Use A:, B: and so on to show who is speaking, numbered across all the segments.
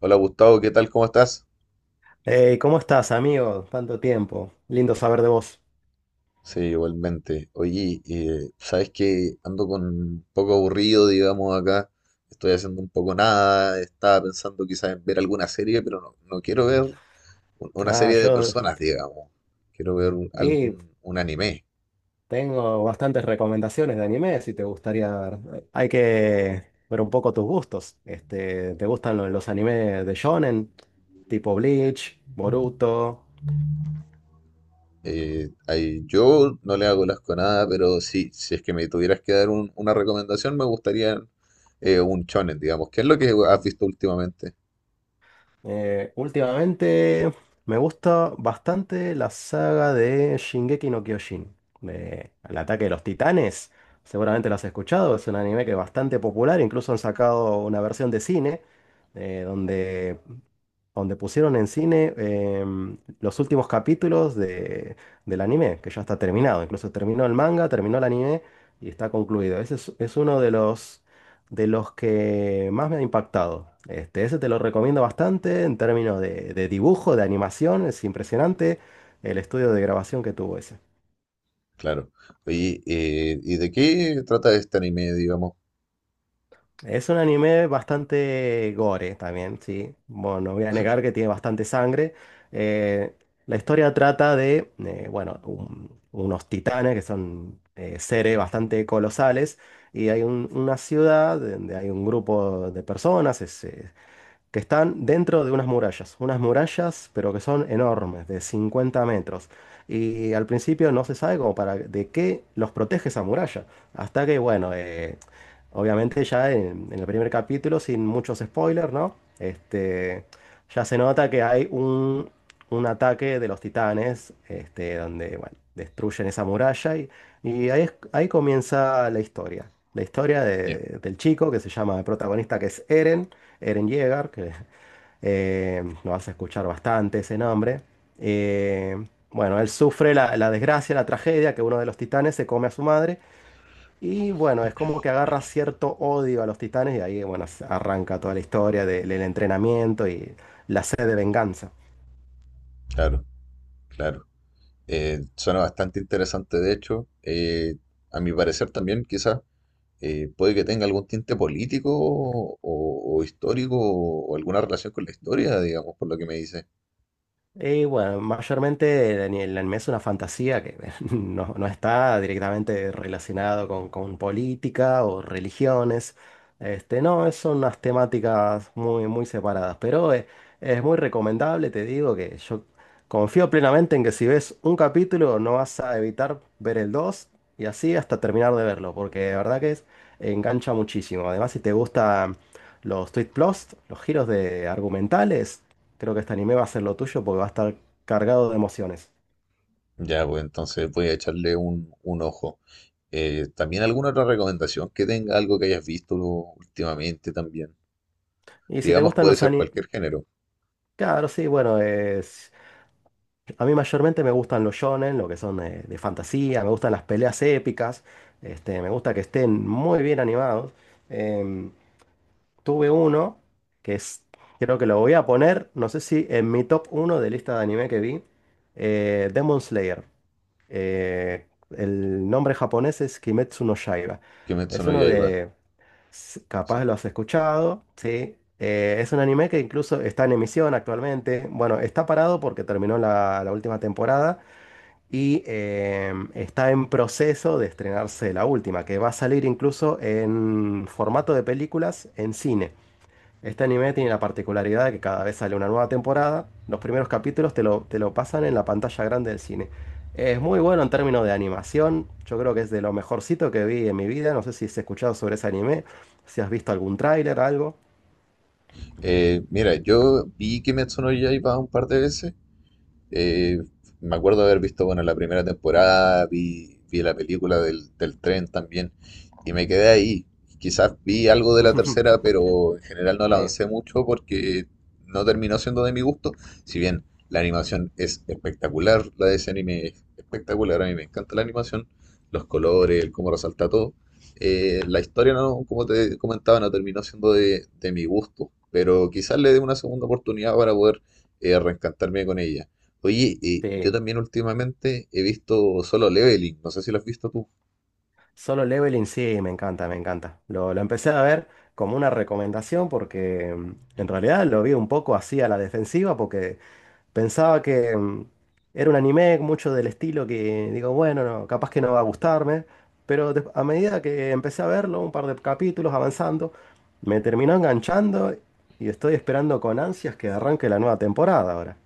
A: Hola Gustavo, ¿qué tal? ¿Cómo estás?
B: Hey, ¿cómo estás, amigo? Tanto tiempo. Lindo saber de vos.
A: Sí, igualmente. Oye, sabes que ando con un poco aburrido, digamos, acá. Estoy haciendo un poco nada. Estaba pensando quizás en ver alguna serie, pero no quiero ver una
B: Ah,
A: serie de
B: yo
A: personas, digamos. Quiero ver un, al-
B: y
A: un- un anime.
B: tengo bastantes recomendaciones de anime si te gustaría ver. Hay que ver un poco tus gustos. ¿Te gustan los animes de shonen? Tipo Bleach, Boruto.
A: Yo no le hago asco a nada, pero sí, si es que me tuvieras que dar una recomendación, me gustaría un shonen, digamos. ¿Qué es lo que has visto últimamente?
B: Últimamente me gusta bastante la saga de Shingeki no Kyojin, de El ataque de los titanes. Seguramente lo has escuchado, es un anime que es bastante popular, incluso han sacado una versión de cine, eh, donde donde pusieron en cine los últimos capítulos de, del anime, que ya está terminado. Incluso terminó el manga, terminó el anime y está concluido. Ese es uno de los que más me ha impactado. Ese te lo recomiendo bastante en términos de dibujo, de animación. Es impresionante el estudio de grabación que tuvo ese.
A: Claro. Oye, ¿y de qué trata este anime, digamos?
B: Es un anime bastante gore también, sí. Bueno, no voy a negar que tiene bastante sangre. Eh, la historia trata de, bueno, unos titanes que son seres bastante colosales y hay una ciudad donde hay un grupo de personas que están dentro de unas murallas pero que son enormes, de 50 metros. Y al principio no se sabe como para de qué los protege esa muralla, hasta que, bueno, obviamente ya en el primer capítulo, sin muchos spoilers, ¿no? Ya se nota que hay un ataque de los titanes, este, donde, bueno, destruyen esa muralla y ahí, ahí comienza la historia. La historia
A: Ya.
B: del chico que se llama el protagonista, que es Eren. Eren Yeager, que lo vas a escuchar bastante ese nombre. Eh, bueno, él sufre la, la desgracia, la tragedia, que uno de los titanes se come a su madre. Y bueno, es como que agarra cierto odio a los titanes y ahí, bueno, se arranca toda la historia del entrenamiento y la sed de venganza.
A: Claro, claro. Suena bastante interesante, de hecho. A mi parecer también, quizás, puede que tenga algún tinte político o histórico o alguna relación con la historia, digamos, por lo que me dice.
B: Y bueno, mayormente el anime es una fantasía que no, no está directamente relacionado con política o religiones. Este, no, son unas temáticas muy, muy separadas, pero es, muy recomendable, te digo que yo confío plenamente en que si ves un capítulo no vas a evitar ver el 2 y así hasta terminar de verlo, porque de verdad que es, engancha muchísimo. Además, si te gustan los twist plots, los giros de argumentales. Creo que este anime va a ser lo tuyo porque va a estar cargado de emociones.
A: Ya, pues entonces voy a echarle un ojo. También alguna otra recomendación que tenga, algo que hayas visto últimamente también.
B: Y si te
A: Digamos,
B: gustan
A: puede
B: los
A: ser
B: animes,
A: cualquier género.
B: claro, sí, bueno, es... A mí mayormente me gustan los shonen, lo que son de fantasía, me gustan las peleas épicas, este, me gusta que estén muy bien animados. Em, Tuve uno que es, creo que lo voy a poner, no sé si en mi top uno de lista de anime que vi, Demon Slayer. El nombre japonés es Kimetsu no Yaiba.
A: ¿Qué me
B: Es
A: sonó ya
B: uno
A: iba?
B: de, Capaz lo has escuchado, ¿sí? Es un anime que incluso está en emisión actualmente. Bueno, está parado porque terminó la, la última temporada y está en proceso de estrenarse la última, que va a salir incluso en formato de películas en cine. Este anime tiene la particularidad de que cada vez sale una nueva temporada, los primeros capítulos te lo pasan en la pantalla grande del cine. Es muy bueno en términos de animación, yo creo que es de lo mejorcito que vi en mi vida, no sé si has escuchado sobre ese anime, si has visto algún tráiler, algo.
A: Mira, yo vi Kimetsu no Yaiba un par de veces, eh, me acuerdo haber visto, bueno, la primera temporada, vi la película del tren también, y me quedé ahí. Quizás vi algo de la tercera, pero en general no la
B: Eh,
A: avancé mucho porque no terminó siendo de mi gusto. Si bien la animación es espectacular, la de ese anime es espectacular, a mí me encanta la animación, los colores, el cómo resalta todo. La historia, no, como te comentaba, no terminó siendo de mi gusto, pero quizás le dé una segunda oportunidad para poder reencantarme con ella. Oye, yo
B: sí,
A: también últimamente he visto Solo Leveling, no sé si lo has visto tú.
B: Solo Leveling sí, me encanta, me encanta. Lo empecé a ver como una recomendación porque en realidad lo vi un poco así a la defensiva porque pensaba que era un anime mucho del estilo que digo, bueno, no, capaz que no va a gustarme, pero a medida que empecé a verlo, un par de capítulos avanzando, me terminó enganchando y estoy esperando con ansias que arranque la nueva temporada ahora.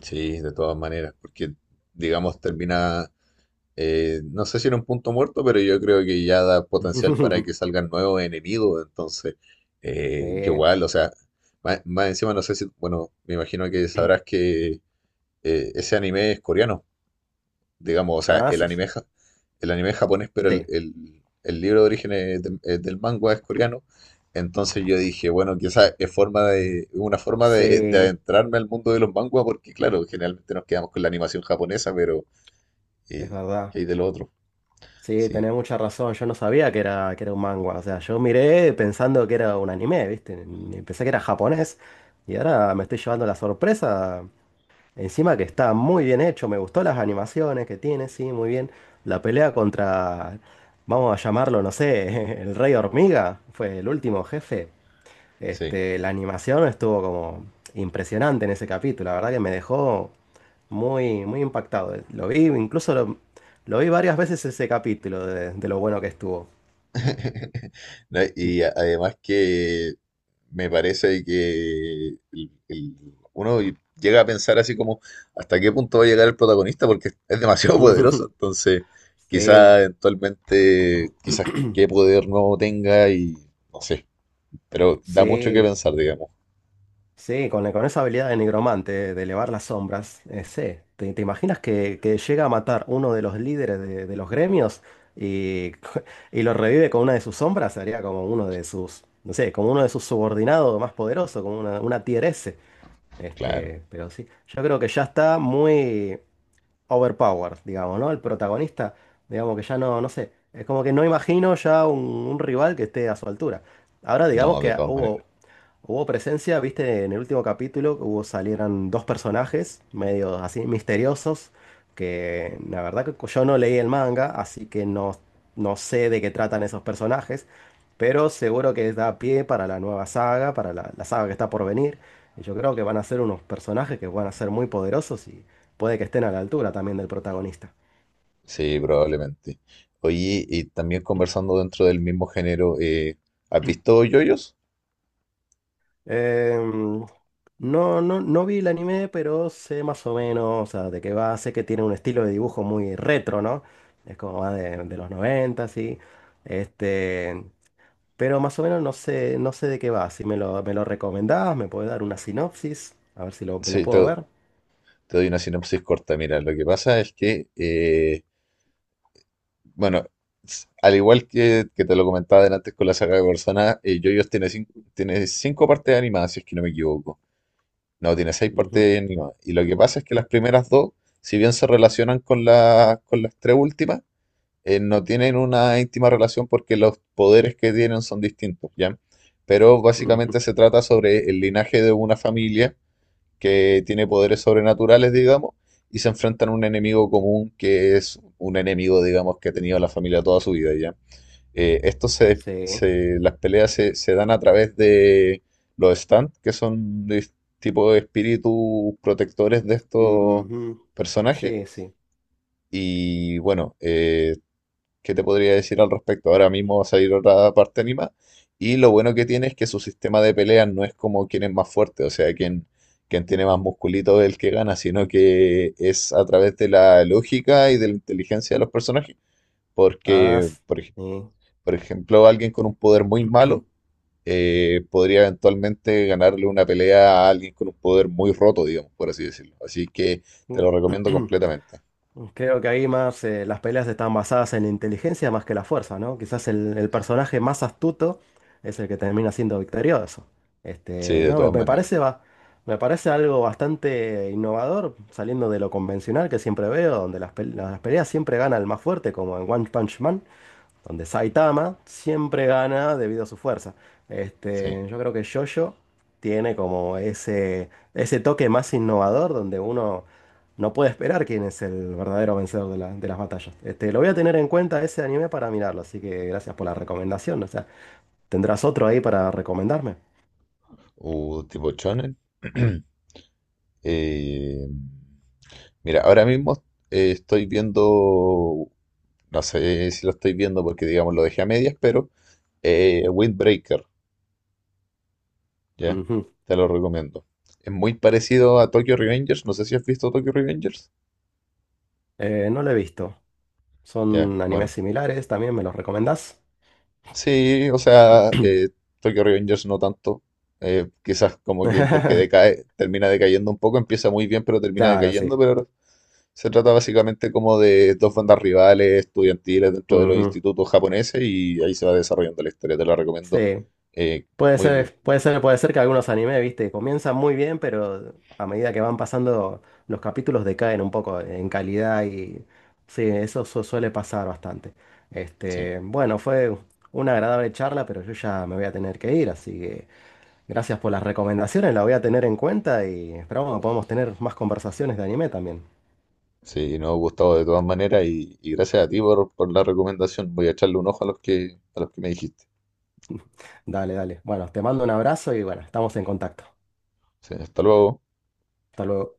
A: Sí, de todas maneras, porque digamos termina, no sé si en un punto muerto, pero yo creo que ya da potencial para que salgan nuevos enemigos, entonces yo
B: Eh,
A: igual, o sea, más encima no sé si, bueno, me imagino que sabrás que ese anime es coreano. Digamos, o sea, el
B: sí,
A: anime, ja- el anime es japonés, pero
B: sí,
A: el libro de origen es de- es del manga es coreano. Entonces yo dije, bueno, quizás es forma de, una forma de
B: sí,
A: adentrarme al mundo de los manguas, porque claro, generalmente nos quedamos con la animación japonesa, pero
B: es
A: eh,
B: verdad.
A: ¿qué hay de lo otro?
B: Sí,
A: Sí,
B: tenés mucha razón. Yo no sabía que era un manga. O sea, yo miré pensando que era un anime, ¿viste? Pensé que era japonés. Y ahora me estoy llevando la sorpresa. Encima que está muy bien hecho, me gustó las animaciones que tiene, sí, muy bien. La pelea contra, vamos a llamarlo, no sé, el Rey Hormiga, fue el último jefe.
A: sí.
B: Este, la animación estuvo como impresionante en ese capítulo, la verdad que me dejó muy, muy impactado. Lo vi, incluso lo vi varias veces ese capítulo de lo bueno que estuvo.
A: No, y además que me parece que uno llega a pensar así como hasta qué punto va a llegar el protagonista porque es demasiado poderoso, entonces
B: Sí,
A: quizás eventualmente, quizás qué poder nuevo tenga y no sé, pero da mucho que
B: sí.
A: pensar, digamos,
B: Sí, con esa habilidad de nigromante, de elevar las sombras, sí. ¿Te, te imaginas que llega a matar uno de los líderes de los gremios y, y lo revive con una de sus sombras? Sería como uno de sus, no sé, como uno de sus subordinados más poderosos, como una tier S.
A: claro,
B: Este, pero sí, yo creo que ya está muy, overpowered, digamos, ¿no? El protagonista, digamos que ya no, no sé, es como que no imagino ya un rival que esté a su altura. Ahora digamos
A: no, de
B: que
A: todas maneras,
B: hubo, hubo presencia, viste, en el último capítulo hubo, salieron dos personajes medio así misteriosos, que la verdad que yo no leí el manga, así que no, no sé de qué tratan esos personajes, pero seguro que da pie para la nueva saga, para la, la saga que está por venir. Y yo creo que van a ser unos personajes que van a ser muy poderosos, puede que estén a la altura también del protagonista.
A: sí, probablemente. Oye, y también conversando dentro del mismo género, ¿has visto JoJo's?
B: Em, no, no, no vi el anime, pero sé más o menos, o sea, de qué va, sé que tiene un estilo de dibujo muy retro, ¿no? Es como más de los 90 sí. Este, pero más o menos no sé, no sé de qué va. Si me lo, me lo recomendás, me puedes dar una sinopsis, a ver si lo, me lo
A: Sí,
B: puedo
A: te,
B: ver.
A: Te doy una sinopsis corta. Mira, lo que pasa es que, bueno, al igual que te lo comentaba antes con la saga de Persona, JoJo's tiene, tiene cinco partes animadas, si es que no me equivoco. No, tiene seis
B: Ujú,
A: partes animadas. Y lo que pasa es que las primeras dos, si bien se relacionan con, la, con las tres últimas, no tienen una íntima relación porque los poderes que tienen son distintos, ¿ya? Pero básicamente
B: ujú,
A: se trata sobre el linaje de una familia que tiene poderes sobrenaturales, digamos, y se enfrentan a un enemigo común que es un enemigo, digamos, que ha tenido la familia toda su vida ya. Esto
B: sí.
A: las peleas se dan a través de los stand, que son de tipo de espíritus protectores de estos
B: Ujú,
A: personajes.
B: sí, sí.
A: Y bueno, que te podría decir al respecto. Ahora mismo va a salir otra parte anima. Y lo bueno que tiene es que su sistema de peleas no es como quien es más fuerte, o sea, quien tiene más musculito es el que gana, sino que es a través de la lógica y de la inteligencia de los personajes.
B: Ah,
A: Porque,
B: sí.
A: por ejemplo, alguien con un poder muy malo podría eventualmente ganarle una pelea a alguien con un poder muy roto, digamos, por así decirlo. Así que te lo recomiendo completamente.
B: Creo que ahí más las peleas están basadas en la inteligencia más que la fuerza, ¿no? Quizás el personaje más astuto es el que termina siendo victorioso.
A: Sí,
B: Este,
A: de
B: no, me,
A: todas
B: me
A: maneras.
B: parece va, me parece algo bastante innovador, saliendo de lo convencional que siempre veo, donde las, las peleas siempre gana el más fuerte, como en One Punch Man donde Saitama siempre gana debido a su fuerza.
A: Sí.
B: Este, yo creo que JoJo tiene como ese toque más innovador donde uno no puede esperar quién es el verdadero vencedor de, de las batallas. Este, lo voy a tener en cuenta ese anime para mirarlo, así que gracias por la recomendación. O sea, ¿tendrás otro ahí para recomendarme?
A: Tipo shonen. Eh, Mira, ahora mismo estoy viendo, no sé si lo estoy viendo porque digamos lo dejé a medias, pero Windbreaker, ¿ya?
B: Ujú.
A: Te lo recomiendo. Es muy parecido a Tokyo Revengers, no sé si has visto Tokyo Revengers.
B: No lo he visto.
A: Ya,
B: Son animes
A: bueno.
B: similares, también me los recomendás.
A: Sí, o sea, Tokyo Revengers no tanto. Quizás como que porque decae, termina decayendo un poco, empieza muy bien, pero termina
B: Claro,
A: decayendo,
B: sí.
A: pero se trata básicamente como de dos bandas rivales estudiantiles dentro de los
B: Ujú.
A: institutos japoneses y ahí se va desarrollando la historia, te la recomiendo.
B: Sí.
A: Eh,
B: Puede
A: Muy bien,
B: ser, puede ser, puede ser que algunos animes, viste, comienzan muy bien, pero a medida que van pasando los capítulos decaen un poco en calidad y sí, eso suele pasar bastante.
A: sí,
B: Este, bueno, fue una agradable charla, pero yo ya me voy a tener que ir, así que gracias por las recomendaciones, la voy a tener en cuenta y esperamos que podamos tener más conversaciones de anime también.
A: sí, nos ha gustado de todas maneras y gracias a ti por la recomendación. Voy a echarle un ojo a los que me dijiste.
B: Dale, dale. Bueno, te mando un abrazo y bueno, estamos en contacto.
A: Sí, hasta luego.
B: Hasta luego.